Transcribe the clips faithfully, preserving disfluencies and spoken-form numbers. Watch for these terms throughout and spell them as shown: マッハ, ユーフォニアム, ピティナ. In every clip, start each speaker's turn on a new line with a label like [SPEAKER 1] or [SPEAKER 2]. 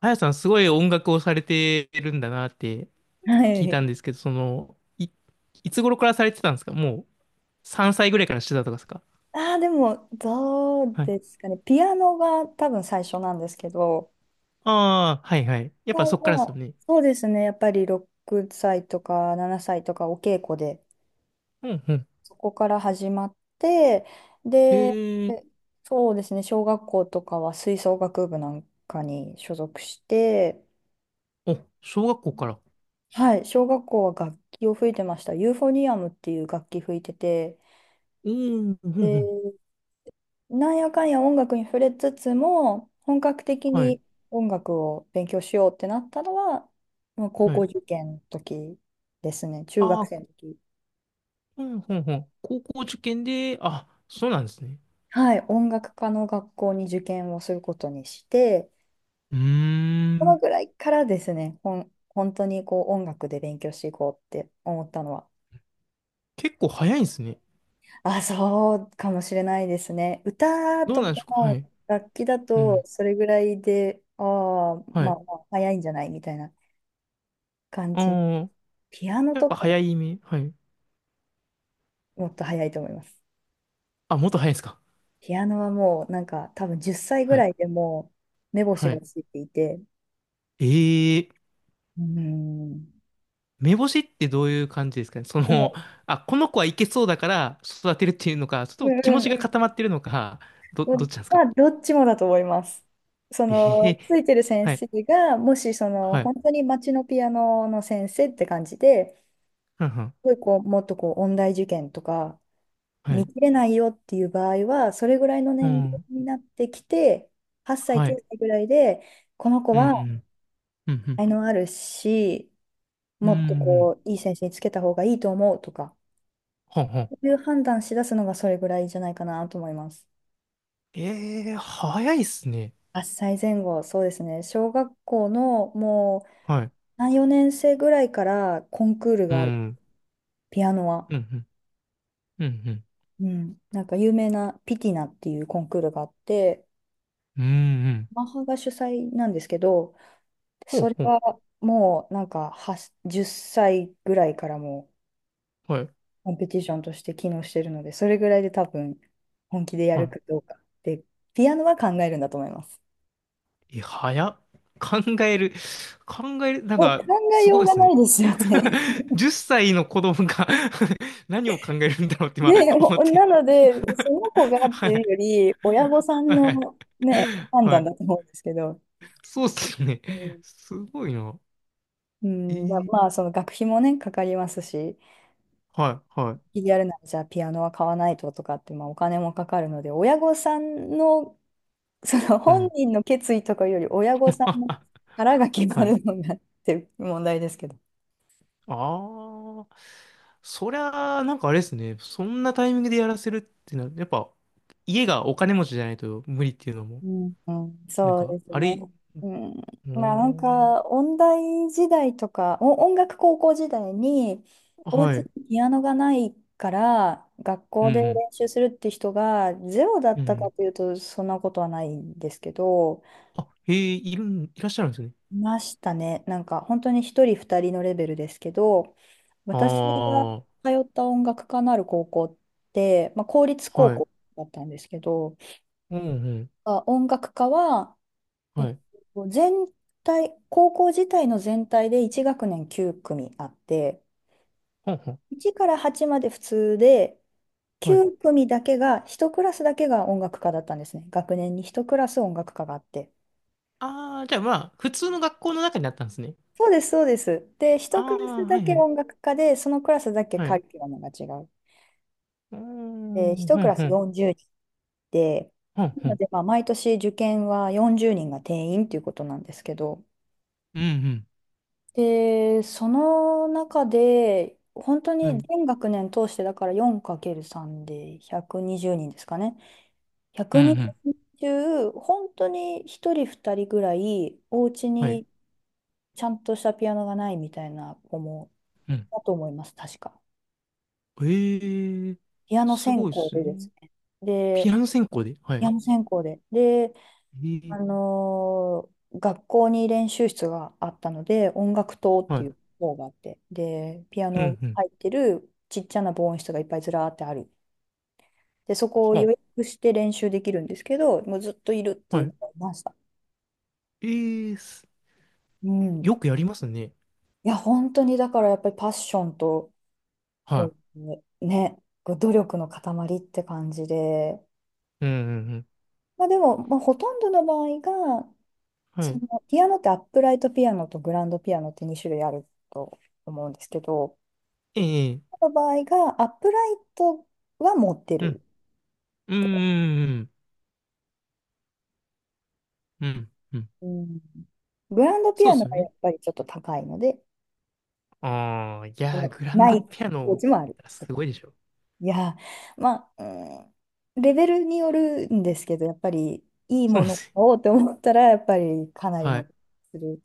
[SPEAKER 1] あやさん、すごい音楽をされてるんだなって
[SPEAKER 2] は
[SPEAKER 1] 聞い
[SPEAKER 2] い。
[SPEAKER 1] たんですけど、その、い、いつ頃からされてたんですか？もうさんさいぐらいからしてたとかですか？
[SPEAKER 2] ああ、でも、どう
[SPEAKER 1] はい。
[SPEAKER 2] ですかね。ピアノが多分最初なんですけど、
[SPEAKER 1] ああ、はいはい。やっぱ
[SPEAKER 2] そ
[SPEAKER 1] そっからですよ
[SPEAKER 2] う
[SPEAKER 1] ね。
[SPEAKER 2] そうですね。やっぱりろくさいとかななさいとかお稽古で、
[SPEAKER 1] うんうん。
[SPEAKER 2] そこから始まって、で、
[SPEAKER 1] ええ、
[SPEAKER 2] そうですね。小学校とかは吹奏楽部なんかに所属して、
[SPEAKER 1] お、小学校から。
[SPEAKER 2] はい。小学校は楽器を吹いてました。ユーフォニアムっていう楽器吹いてて、
[SPEAKER 1] うん、うん、うん。
[SPEAKER 2] なんやかんや音楽に触れつつも、本格的
[SPEAKER 1] はい、
[SPEAKER 2] に音楽を勉強しようってなったのは、まあ高
[SPEAKER 1] は
[SPEAKER 2] 校
[SPEAKER 1] い。
[SPEAKER 2] 受験の時ですね、中
[SPEAKER 1] あ
[SPEAKER 2] 学
[SPEAKER 1] あ、
[SPEAKER 2] 生
[SPEAKER 1] こ
[SPEAKER 2] の時。
[SPEAKER 1] うん、うん、うん。高校受験で、あ、そうなんですね。
[SPEAKER 2] はい、音楽科の学校に受験をすることにして、
[SPEAKER 1] うー
[SPEAKER 2] その
[SPEAKER 1] ん。
[SPEAKER 2] ぐらいからですね、ほん、本当にこう音楽で勉強していこうって思ったのは、
[SPEAKER 1] 結構早いんですね。
[SPEAKER 2] あ、そうかもしれないですね。歌
[SPEAKER 1] どう
[SPEAKER 2] と
[SPEAKER 1] なんで
[SPEAKER 2] か
[SPEAKER 1] しょうか。はい。
[SPEAKER 2] 楽器だ
[SPEAKER 1] う
[SPEAKER 2] と、
[SPEAKER 1] ん。
[SPEAKER 2] それぐらいで、ああ、
[SPEAKER 1] は
[SPEAKER 2] まあ
[SPEAKER 1] い。
[SPEAKER 2] まあ、早いんじゃないみたいな。感
[SPEAKER 1] あ
[SPEAKER 2] じ
[SPEAKER 1] あ、
[SPEAKER 2] ピアノ
[SPEAKER 1] やっ
[SPEAKER 2] と
[SPEAKER 1] ぱ
[SPEAKER 2] か
[SPEAKER 1] 早い目。はい。
[SPEAKER 2] もっと早いと思います。
[SPEAKER 1] あ、もっと早いですか？
[SPEAKER 2] ピアノはもうなんか多分じゅっさいぐ
[SPEAKER 1] はい。
[SPEAKER 2] らいでもう目星
[SPEAKER 1] は
[SPEAKER 2] が
[SPEAKER 1] い。
[SPEAKER 2] ついていて、
[SPEAKER 1] ええ、
[SPEAKER 2] うん。
[SPEAKER 1] 目星ってどういう感じですかね、そ
[SPEAKER 2] で
[SPEAKER 1] の、
[SPEAKER 2] も、
[SPEAKER 1] あ、この子はいけそうだから育てるっていうのか、ち
[SPEAKER 2] う
[SPEAKER 1] ょっと
[SPEAKER 2] ん
[SPEAKER 1] 気持
[SPEAKER 2] う
[SPEAKER 1] ちが
[SPEAKER 2] ん
[SPEAKER 1] 固まってるのか、ど、
[SPEAKER 2] う
[SPEAKER 1] ど
[SPEAKER 2] ん。
[SPEAKER 1] っちなんです
[SPEAKER 2] ま
[SPEAKER 1] か？
[SPEAKER 2] あ、どっちもだと思います。そ
[SPEAKER 1] え
[SPEAKER 2] の、
[SPEAKER 1] え、
[SPEAKER 2] ついてる先
[SPEAKER 1] はい、
[SPEAKER 2] 生が、もしその、
[SPEAKER 1] はい、
[SPEAKER 2] 本当に街のピアノの先生って感じで、
[SPEAKER 1] はんはん、
[SPEAKER 2] すごいこう、もっとこう、音大受験とか、
[SPEAKER 1] は
[SPEAKER 2] 見
[SPEAKER 1] い、
[SPEAKER 2] 切れないよっていう場合は、それぐらいの
[SPEAKER 1] う
[SPEAKER 2] 年齢
[SPEAKER 1] ん、
[SPEAKER 2] になってきて、はっさい、
[SPEAKER 1] はい、
[SPEAKER 2] きゅうさいぐらいで、この子
[SPEAKER 1] う
[SPEAKER 2] は
[SPEAKER 1] ん、うん、
[SPEAKER 2] 才能あるし、
[SPEAKER 1] うん、
[SPEAKER 2] もっと
[SPEAKER 1] うん、
[SPEAKER 2] こう、いい先生につけた方がいいと思うとか、
[SPEAKER 1] はんほんほ
[SPEAKER 2] そう
[SPEAKER 1] ん。
[SPEAKER 2] いう判断しだすのがそれぐらいじゃないかなと思います。
[SPEAKER 1] ええ、早いっすね。
[SPEAKER 2] はっさいぜん後、そうですね。小学校のもう
[SPEAKER 1] はい、
[SPEAKER 2] さん、四年生ぐらいからコンクール
[SPEAKER 1] う
[SPEAKER 2] がある。
[SPEAKER 1] ん、
[SPEAKER 2] ピアノは。
[SPEAKER 1] うん、うん、うん、
[SPEAKER 2] うん。なんか有名なピティナっていうコンクールがあって、
[SPEAKER 1] うん、うん、うん、
[SPEAKER 2] マッハが主催なんですけど、
[SPEAKER 1] ほ
[SPEAKER 2] そ
[SPEAKER 1] う
[SPEAKER 2] れ
[SPEAKER 1] ほう、
[SPEAKER 2] はもうなんかはじゅっさいぐらいからもう
[SPEAKER 1] はい、
[SPEAKER 2] コンペティションとして機能してるので、それぐらいで多分本気でや
[SPEAKER 1] は
[SPEAKER 2] る
[SPEAKER 1] い。
[SPEAKER 2] かどうか。で、ピアノは考えるんだと思います。
[SPEAKER 1] え、早っ。考える。考える。なん
[SPEAKER 2] もう考
[SPEAKER 1] か、
[SPEAKER 2] え
[SPEAKER 1] すごい
[SPEAKER 2] よう
[SPEAKER 1] で
[SPEAKER 2] が
[SPEAKER 1] す
[SPEAKER 2] な
[SPEAKER 1] ね。
[SPEAKER 2] いですよね。
[SPEAKER 1] じゅっさいの子供が 何を考えるんだろうって今
[SPEAKER 2] ね、
[SPEAKER 1] 思っ
[SPEAKER 2] ほ
[SPEAKER 1] て。
[SPEAKER 2] なので、その子が っ
[SPEAKER 1] は
[SPEAKER 2] ていう
[SPEAKER 1] い。
[SPEAKER 2] より、親御さん
[SPEAKER 1] はい。
[SPEAKER 2] の、ね、判
[SPEAKER 1] は
[SPEAKER 2] 断
[SPEAKER 1] い。
[SPEAKER 2] だと思うんですけど、
[SPEAKER 1] そうっすよね。
[SPEAKER 2] うん、
[SPEAKER 1] すごいな。
[SPEAKER 2] う
[SPEAKER 1] え
[SPEAKER 2] んまあ、
[SPEAKER 1] ー、
[SPEAKER 2] まあ、その学費もね、かかりますし、
[SPEAKER 1] はい、はい。
[SPEAKER 2] やるならじゃあピアノは買わないととかって、まあ、お金もかかるので、親御さんのその
[SPEAKER 1] う
[SPEAKER 2] 本
[SPEAKER 1] ん。
[SPEAKER 2] 人の決意とかより親御さんの 腹が決ま
[SPEAKER 1] はい。
[SPEAKER 2] るのがっていう問題ですけど。
[SPEAKER 1] ああ、そりゃあ、なんかあれですね。そんなタイミングでやらせるってなる。やっぱ、家がお金持ちじゃないと無理っていうのも、
[SPEAKER 2] うん、うん
[SPEAKER 1] なん
[SPEAKER 2] そう
[SPEAKER 1] か、
[SPEAKER 2] です
[SPEAKER 1] あ
[SPEAKER 2] ね。
[SPEAKER 1] れ、
[SPEAKER 2] うん、
[SPEAKER 1] お
[SPEAKER 2] まあなん
[SPEAKER 1] ー、
[SPEAKER 2] か音大時代とかお音楽高校時代にお
[SPEAKER 1] は
[SPEAKER 2] 家
[SPEAKER 1] い。
[SPEAKER 2] にピアノがないから学
[SPEAKER 1] う
[SPEAKER 2] 校で
[SPEAKER 1] ん
[SPEAKER 2] 練習するって人がゼロだっ
[SPEAKER 1] うん。う
[SPEAKER 2] たか
[SPEAKER 1] ん、
[SPEAKER 2] というとそんなことはないんですけど
[SPEAKER 1] あ、へえ、いるん、いらっしゃるんですね。
[SPEAKER 2] いましたね。なんか本当にひとりふたりのレベルですけど、
[SPEAKER 1] あ
[SPEAKER 2] 私が通
[SPEAKER 1] あ、は
[SPEAKER 2] った音楽科のある高校って、まあ、公立高
[SPEAKER 1] い。
[SPEAKER 2] 校だったんですけど、
[SPEAKER 1] うん、うん。
[SPEAKER 2] あ音楽科は、え
[SPEAKER 1] は
[SPEAKER 2] っ
[SPEAKER 1] い。
[SPEAKER 2] と、全体、高校自体の全体でいち学年きゅう組あって、
[SPEAKER 1] ほんほん。
[SPEAKER 2] いちからはちまで普通で、
[SPEAKER 1] はい。
[SPEAKER 2] きゅう組だけが、ひとクラスだけが音楽科だったんですね。学年にひとクラス音楽科があって。
[SPEAKER 1] ああ、じゃあまあ、普通の学校の中にあったんですね。
[SPEAKER 2] そうです、そうです。で、
[SPEAKER 1] あ
[SPEAKER 2] 一クラス
[SPEAKER 1] あ、は
[SPEAKER 2] だ
[SPEAKER 1] い
[SPEAKER 2] け
[SPEAKER 1] はい。
[SPEAKER 2] 音楽科で、そのクラスだけ
[SPEAKER 1] はい。
[SPEAKER 2] カ
[SPEAKER 1] う
[SPEAKER 2] リキュラムが違う。
[SPEAKER 1] ー
[SPEAKER 2] で、
[SPEAKER 1] ん、
[SPEAKER 2] 一
[SPEAKER 1] ふ
[SPEAKER 2] ク
[SPEAKER 1] ん
[SPEAKER 2] ラ
[SPEAKER 1] ふ
[SPEAKER 2] ス
[SPEAKER 1] ん。
[SPEAKER 2] よんじゅうにんで、
[SPEAKER 1] ふんふ
[SPEAKER 2] なの
[SPEAKER 1] ん。
[SPEAKER 2] で、まあ、毎年受験はよんじゅうにんが定員ということなんですけど、
[SPEAKER 1] うん。うん
[SPEAKER 2] で、その中で、本当
[SPEAKER 1] うん。は
[SPEAKER 2] に
[SPEAKER 1] い。
[SPEAKER 2] 全学年通して、だから よん×さん でひゃくにじゅうにんですかね。
[SPEAKER 1] うんう
[SPEAKER 2] 120
[SPEAKER 1] ん、
[SPEAKER 2] 人中、本当にひとりふたりぐらい、お家
[SPEAKER 1] はい。
[SPEAKER 2] にちゃんとしたピアノがないみたいな子も
[SPEAKER 1] う
[SPEAKER 2] い
[SPEAKER 1] ん。
[SPEAKER 2] たと思います、確か。
[SPEAKER 1] ええ、
[SPEAKER 2] ピアノ
[SPEAKER 1] す
[SPEAKER 2] 専
[SPEAKER 1] ごいで
[SPEAKER 2] 攻
[SPEAKER 1] す
[SPEAKER 2] でで
[SPEAKER 1] ね。
[SPEAKER 2] すね。
[SPEAKER 1] ピ
[SPEAKER 2] で、
[SPEAKER 1] アノ専攻で。は
[SPEAKER 2] ピア
[SPEAKER 1] い。
[SPEAKER 2] ノ専攻で。で、
[SPEAKER 1] え
[SPEAKER 2] あ
[SPEAKER 1] え、
[SPEAKER 2] のー学校に練習室があったので、音楽棟っ
[SPEAKER 1] は
[SPEAKER 2] ていう
[SPEAKER 1] い。
[SPEAKER 2] 方があって、で、ピア
[SPEAKER 1] う
[SPEAKER 2] ノ
[SPEAKER 1] ん、うん。
[SPEAKER 2] 入ってるちっちゃな防音室がいっぱいずらーってある。で、そこを予
[SPEAKER 1] は、
[SPEAKER 2] 約して練習できるんですけど、もうずっといるってい
[SPEAKER 1] は
[SPEAKER 2] う
[SPEAKER 1] い。
[SPEAKER 2] 子がいました。
[SPEAKER 1] ええ、す
[SPEAKER 2] うん。
[SPEAKER 1] よくやりますね。
[SPEAKER 2] いや、本当にだからやっぱりパッションと、
[SPEAKER 1] は
[SPEAKER 2] こ
[SPEAKER 1] い。
[SPEAKER 2] う、ね、こう努力の塊って感じで、
[SPEAKER 1] うんうんうん。
[SPEAKER 2] まあ、でも、まあ、ほとんどの場合が、
[SPEAKER 1] は
[SPEAKER 2] そ
[SPEAKER 1] い。
[SPEAKER 2] のピアノってアップライトピアノとグランドピアノってに種類あると思うんですけど、
[SPEAKER 1] ええ、
[SPEAKER 2] この場合がアップライトは持って
[SPEAKER 1] う
[SPEAKER 2] る。
[SPEAKER 1] ん。うんうんうんうん。うん。
[SPEAKER 2] うん。グランドピ
[SPEAKER 1] そう
[SPEAKER 2] ア
[SPEAKER 1] で
[SPEAKER 2] ノ
[SPEAKER 1] すよ
[SPEAKER 2] がや
[SPEAKER 1] ね。
[SPEAKER 2] っぱりちょっと高いので、
[SPEAKER 1] ああ、い
[SPEAKER 2] そ
[SPEAKER 1] やー、
[SPEAKER 2] の
[SPEAKER 1] グラン
[SPEAKER 2] な
[SPEAKER 1] ド
[SPEAKER 2] い
[SPEAKER 1] ピア
[SPEAKER 2] お
[SPEAKER 1] ノ、
[SPEAKER 2] 家もあると
[SPEAKER 1] す
[SPEAKER 2] か。
[SPEAKER 1] ごいでしょ。
[SPEAKER 2] いやー、まあ、うん、レベルによるんですけど、やっぱりいい
[SPEAKER 1] そう
[SPEAKER 2] も
[SPEAKER 1] なんで
[SPEAKER 2] の
[SPEAKER 1] すよ。
[SPEAKER 2] をって思ったら、やっぱりかなり
[SPEAKER 1] は
[SPEAKER 2] の
[SPEAKER 1] い。
[SPEAKER 2] する。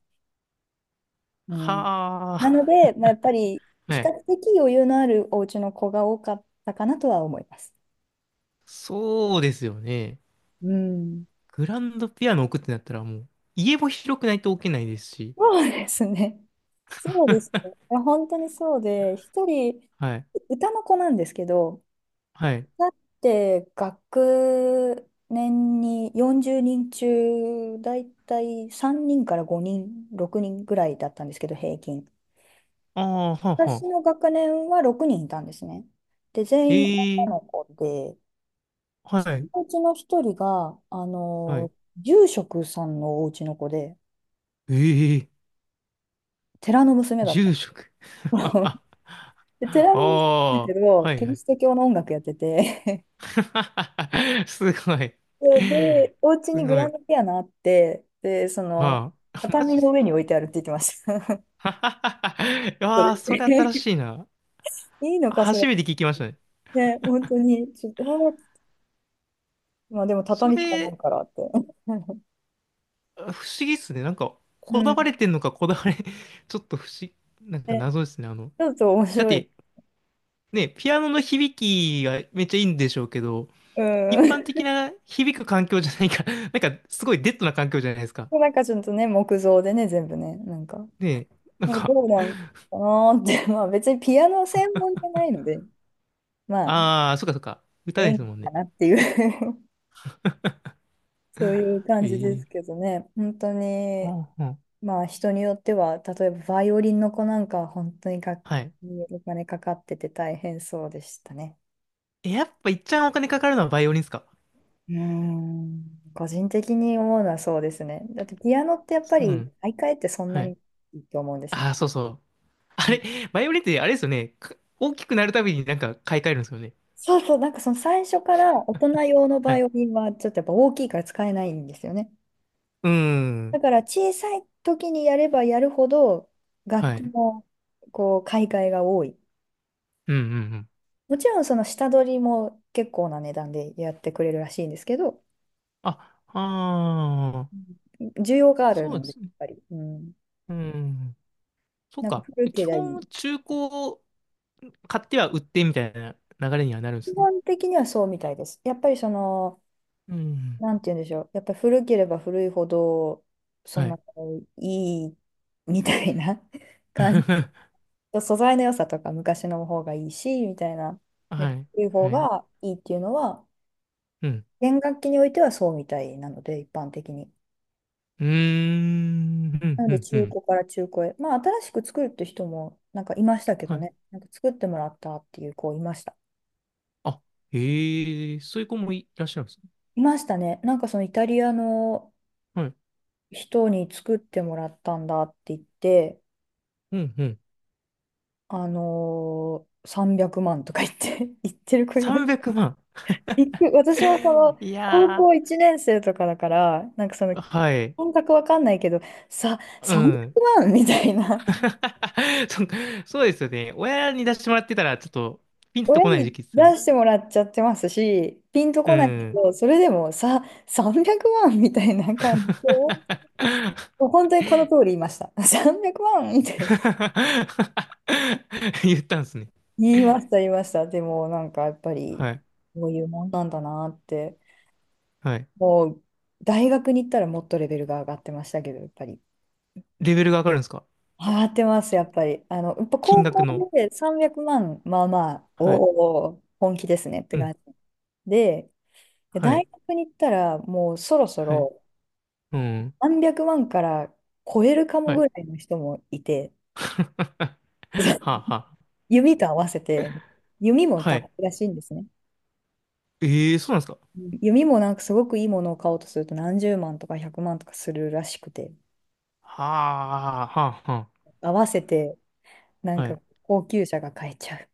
[SPEAKER 2] うん、
[SPEAKER 1] は
[SPEAKER 2] なの
[SPEAKER 1] あ。
[SPEAKER 2] で、まあ、やっぱり比
[SPEAKER 1] は
[SPEAKER 2] 較
[SPEAKER 1] い。
[SPEAKER 2] 的余裕のあるお家の子が多かったかなとは思います。
[SPEAKER 1] そうですよね。
[SPEAKER 2] うん。
[SPEAKER 1] グランドピアノ置くってなったらもう、家も広くないと置けないですし。
[SPEAKER 2] そうですね。そうです ね。いや、本当にそうで、一人、
[SPEAKER 1] はい。
[SPEAKER 2] 歌の子なんですけど、
[SPEAKER 1] はい。
[SPEAKER 2] だって学年によんじゅうにん中、だいたいさんにんからごにん、ろくにんぐらいだったんですけど、平均。
[SPEAKER 1] ああ、はあは
[SPEAKER 2] 私の
[SPEAKER 1] あ。
[SPEAKER 2] 学年はろくにんいたんですね。で、
[SPEAKER 1] え
[SPEAKER 2] 全員女
[SPEAKER 1] え、
[SPEAKER 2] の子で、
[SPEAKER 1] は
[SPEAKER 2] そ
[SPEAKER 1] い。
[SPEAKER 2] のうちの一人が、あ
[SPEAKER 1] は
[SPEAKER 2] の、
[SPEAKER 1] い。
[SPEAKER 2] 住職さんのお家の子で、
[SPEAKER 1] ええ、
[SPEAKER 2] 寺の娘だっ
[SPEAKER 1] 住
[SPEAKER 2] た。
[SPEAKER 1] 職。あ
[SPEAKER 2] ベテランだけ
[SPEAKER 1] あ、
[SPEAKER 2] ど、
[SPEAKER 1] はい
[SPEAKER 2] キ
[SPEAKER 1] は
[SPEAKER 2] リ
[SPEAKER 1] い。
[SPEAKER 2] スト教の音楽やってて、
[SPEAKER 1] すごい。
[SPEAKER 2] そうで、お家
[SPEAKER 1] す
[SPEAKER 2] にグ
[SPEAKER 1] ご
[SPEAKER 2] ラン
[SPEAKER 1] い。
[SPEAKER 2] ドピアノあって、で、その、
[SPEAKER 1] はあ。マ
[SPEAKER 2] 畳
[SPEAKER 1] ジ
[SPEAKER 2] の上に
[SPEAKER 1] で。
[SPEAKER 2] 置いてあるって言ってました。そ
[SPEAKER 1] ああ、それ
[SPEAKER 2] れ
[SPEAKER 1] 新 しいな。
[SPEAKER 2] いいのか、そ
[SPEAKER 1] 初
[SPEAKER 2] れ。
[SPEAKER 1] めて聞きましたね。
[SPEAKER 2] ね、本当に、ちょっと、えーまあでも
[SPEAKER 1] そ
[SPEAKER 2] 畳しかない
[SPEAKER 1] れ、
[SPEAKER 2] からって。
[SPEAKER 1] 不思議っすね。なんか、
[SPEAKER 2] う
[SPEAKER 1] こだわ
[SPEAKER 2] ん。
[SPEAKER 1] れてんのか、こだわれ、ちょっと不思議、なんか
[SPEAKER 2] ね、
[SPEAKER 1] 謎ですね。あの、
[SPEAKER 2] ちょっと面
[SPEAKER 1] だっ
[SPEAKER 2] 白い。
[SPEAKER 1] て、ね、ピアノの響きがめっちゃいいんでしょうけど、
[SPEAKER 2] う
[SPEAKER 1] 一
[SPEAKER 2] ん。
[SPEAKER 1] 般的な響く環境じゃないから、なんか、すごいデッドな環境じゃないですか。
[SPEAKER 2] なんかちょっとね、木造でね、全部ね、なんか、
[SPEAKER 1] ねえ、なん
[SPEAKER 2] なんか
[SPEAKER 1] か、
[SPEAKER 2] どうなんかなーって、まあ別にピアノ専門じゃないので、まあ、
[SPEAKER 1] ああ、そっかそっか。歌で
[SPEAKER 2] 演
[SPEAKER 1] す
[SPEAKER 2] 技
[SPEAKER 1] もん
[SPEAKER 2] か
[SPEAKER 1] ね。
[SPEAKER 2] なっていうそういう感じで
[SPEAKER 1] え
[SPEAKER 2] すけ
[SPEAKER 1] え、
[SPEAKER 2] どね、本当に、
[SPEAKER 1] はあはあ、
[SPEAKER 2] まあ人によっては、例えばバイオリンの子なんかは本当に楽
[SPEAKER 1] はい。
[SPEAKER 2] 器にお金かかってて大変そうでしたね。
[SPEAKER 1] え、やっぱ一番お金かかるのはバイオリンっすか？
[SPEAKER 2] うーん、個人的に思うのはそうですね。だってピアノってやっぱ
[SPEAKER 1] う
[SPEAKER 2] り
[SPEAKER 1] ん。
[SPEAKER 2] 買い替えってそんな
[SPEAKER 1] はい。
[SPEAKER 2] にいいと思うんです
[SPEAKER 1] あ
[SPEAKER 2] ね。
[SPEAKER 1] あ、そうそう。あ
[SPEAKER 2] うん
[SPEAKER 1] れ、バイオリンってあれですよね。か大きくなるたびになんか買い替えるんですよね。
[SPEAKER 2] そうそう、なんかその最初から大人用の
[SPEAKER 1] は
[SPEAKER 2] バイ
[SPEAKER 1] い。
[SPEAKER 2] オリンはちょっとやっぱ大きいから使えないんですよね。
[SPEAKER 1] うー
[SPEAKER 2] だ
[SPEAKER 1] ん。
[SPEAKER 2] から小さい時にやればやるほど楽
[SPEAKER 1] は
[SPEAKER 2] 器
[SPEAKER 1] い。
[SPEAKER 2] のこう買い替えが多い。
[SPEAKER 1] うんうんうん。
[SPEAKER 2] もちろんその下取りも結構な値段でやってくれるらしいんですけど、
[SPEAKER 1] あ、ああ、
[SPEAKER 2] うん需要がある
[SPEAKER 1] そう
[SPEAKER 2] の
[SPEAKER 1] で
[SPEAKER 2] で、やっ
[SPEAKER 1] すね。
[SPEAKER 2] ぱり、うん、
[SPEAKER 1] うん。そう
[SPEAKER 2] なんか
[SPEAKER 1] か。
[SPEAKER 2] 古け
[SPEAKER 1] 基
[SPEAKER 2] ればい
[SPEAKER 1] 本、
[SPEAKER 2] い。
[SPEAKER 1] 中古を買っては売ってみたいな流れにはなるんで
[SPEAKER 2] 基
[SPEAKER 1] すね。
[SPEAKER 2] 本的にはそうみたいです。やっぱりその、
[SPEAKER 1] うん。
[SPEAKER 2] なんて言うんでしょう、やっぱり古ければ古いほど、そ
[SPEAKER 1] はい。
[SPEAKER 2] の、いいみたいな 感じ。素材の良さとか昔の方がいいし、みたいな。やっ
[SPEAKER 1] は
[SPEAKER 2] ぱ
[SPEAKER 1] い。
[SPEAKER 2] 古い方
[SPEAKER 1] はい。
[SPEAKER 2] がいいっていうのは、
[SPEAKER 1] うん。
[SPEAKER 2] 弦楽器においてはそうみたいなので、一般的に。
[SPEAKER 1] うーん。う
[SPEAKER 2] な
[SPEAKER 1] ん。
[SPEAKER 2] の
[SPEAKER 1] う
[SPEAKER 2] で
[SPEAKER 1] ん。う
[SPEAKER 2] 中
[SPEAKER 1] ん、
[SPEAKER 2] 古から中古へ。まあ新しく作るって人もなんかいましたけど
[SPEAKER 1] はい。
[SPEAKER 2] ね。なんか作ってもらったっていう子いました。
[SPEAKER 1] あ、へえ、そういう子もいらっしゃるんですね。
[SPEAKER 2] いましたね。なんかそのイタリアの
[SPEAKER 1] はい。
[SPEAKER 2] 人に作ってもらったんだって言って、
[SPEAKER 1] うんうん。
[SPEAKER 2] あのー、さんびゃくまんとか言って、言ってる子います。
[SPEAKER 1] さんびゃくまん。
[SPEAKER 2] 言って私はそ の
[SPEAKER 1] い
[SPEAKER 2] 高
[SPEAKER 1] や
[SPEAKER 2] 校いちねん生とかだから、なんかその
[SPEAKER 1] ー。はい。
[SPEAKER 2] 感覚わかんないけど、さ、
[SPEAKER 1] う
[SPEAKER 2] 300
[SPEAKER 1] ん。
[SPEAKER 2] 万みたいな。
[SPEAKER 1] そ、そうですよね。親に出してもらってたら、ちょっと、ピンと
[SPEAKER 2] 親
[SPEAKER 1] こない時
[SPEAKER 2] に
[SPEAKER 1] 期です
[SPEAKER 2] 出
[SPEAKER 1] よね。
[SPEAKER 2] してもらっちゃってますし、ピンと
[SPEAKER 1] う
[SPEAKER 2] こないけ
[SPEAKER 1] ん。
[SPEAKER 2] ど、それでもさ、さんびゃくまんみたいな感じで、もう本当にこの通り言いました。さんびゃくまんみたいな。
[SPEAKER 1] 言ったんですね。
[SPEAKER 2] 言いました、言いました。でも、なんかやっぱり、
[SPEAKER 1] はい。
[SPEAKER 2] こういうもんなんだなって、
[SPEAKER 1] はい。
[SPEAKER 2] もう、大学に行ったらもっとレベルが上がってましたけど、やっぱり。
[SPEAKER 1] レベルが上がるんですか？
[SPEAKER 2] 上がってます、やっぱり。あの、やっぱ
[SPEAKER 1] 金
[SPEAKER 2] 高
[SPEAKER 1] 額の。
[SPEAKER 2] 校でさんびゃくまん、まあまあ、
[SPEAKER 1] はい。
[SPEAKER 2] おお、本気ですねって
[SPEAKER 1] うん。
[SPEAKER 2] 感じ。で、
[SPEAKER 1] は
[SPEAKER 2] 大
[SPEAKER 1] い。
[SPEAKER 2] 学に行ったら、もうそろそ
[SPEAKER 1] はい。
[SPEAKER 2] ろ、
[SPEAKER 1] うん。
[SPEAKER 2] なんびゃくまんから超えるかも
[SPEAKER 1] はい。
[SPEAKER 2] ぐらいの人もいて、
[SPEAKER 1] はあは
[SPEAKER 2] 弓と合わせて、弓
[SPEAKER 1] あ。
[SPEAKER 2] も
[SPEAKER 1] は
[SPEAKER 2] 高
[SPEAKER 1] い。
[SPEAKER 2] いらしいんですね。
[SPEAKER 1] ええ、そうなんですか？
[SPEAKER 2] うん弓もなんかすごくいいものを買おうとするとなんじゅうまんとか百万とかするらしくて、
[SPEAKER 1] はあ、はあ、はあ。
[SPEAKER 2] 合わせてなん
[SPEAKER 1] は
[SPEAKER 2] か
[SPEAKER 1] い。
[SPEAKER 2] 高級車が買えちゃう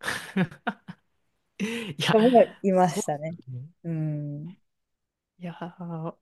[SPEAKER 1] いや、
[SPEAKER 2] 人も いま
[SPEAKER 1] そう
[SPEAKER 2] した
[SPEAKER 1] で
[SPEAKER 2] ね。
[SPEAKER 1] すよね。
[SPEAKER 2] うん。
[SPEAKER 1] いやー、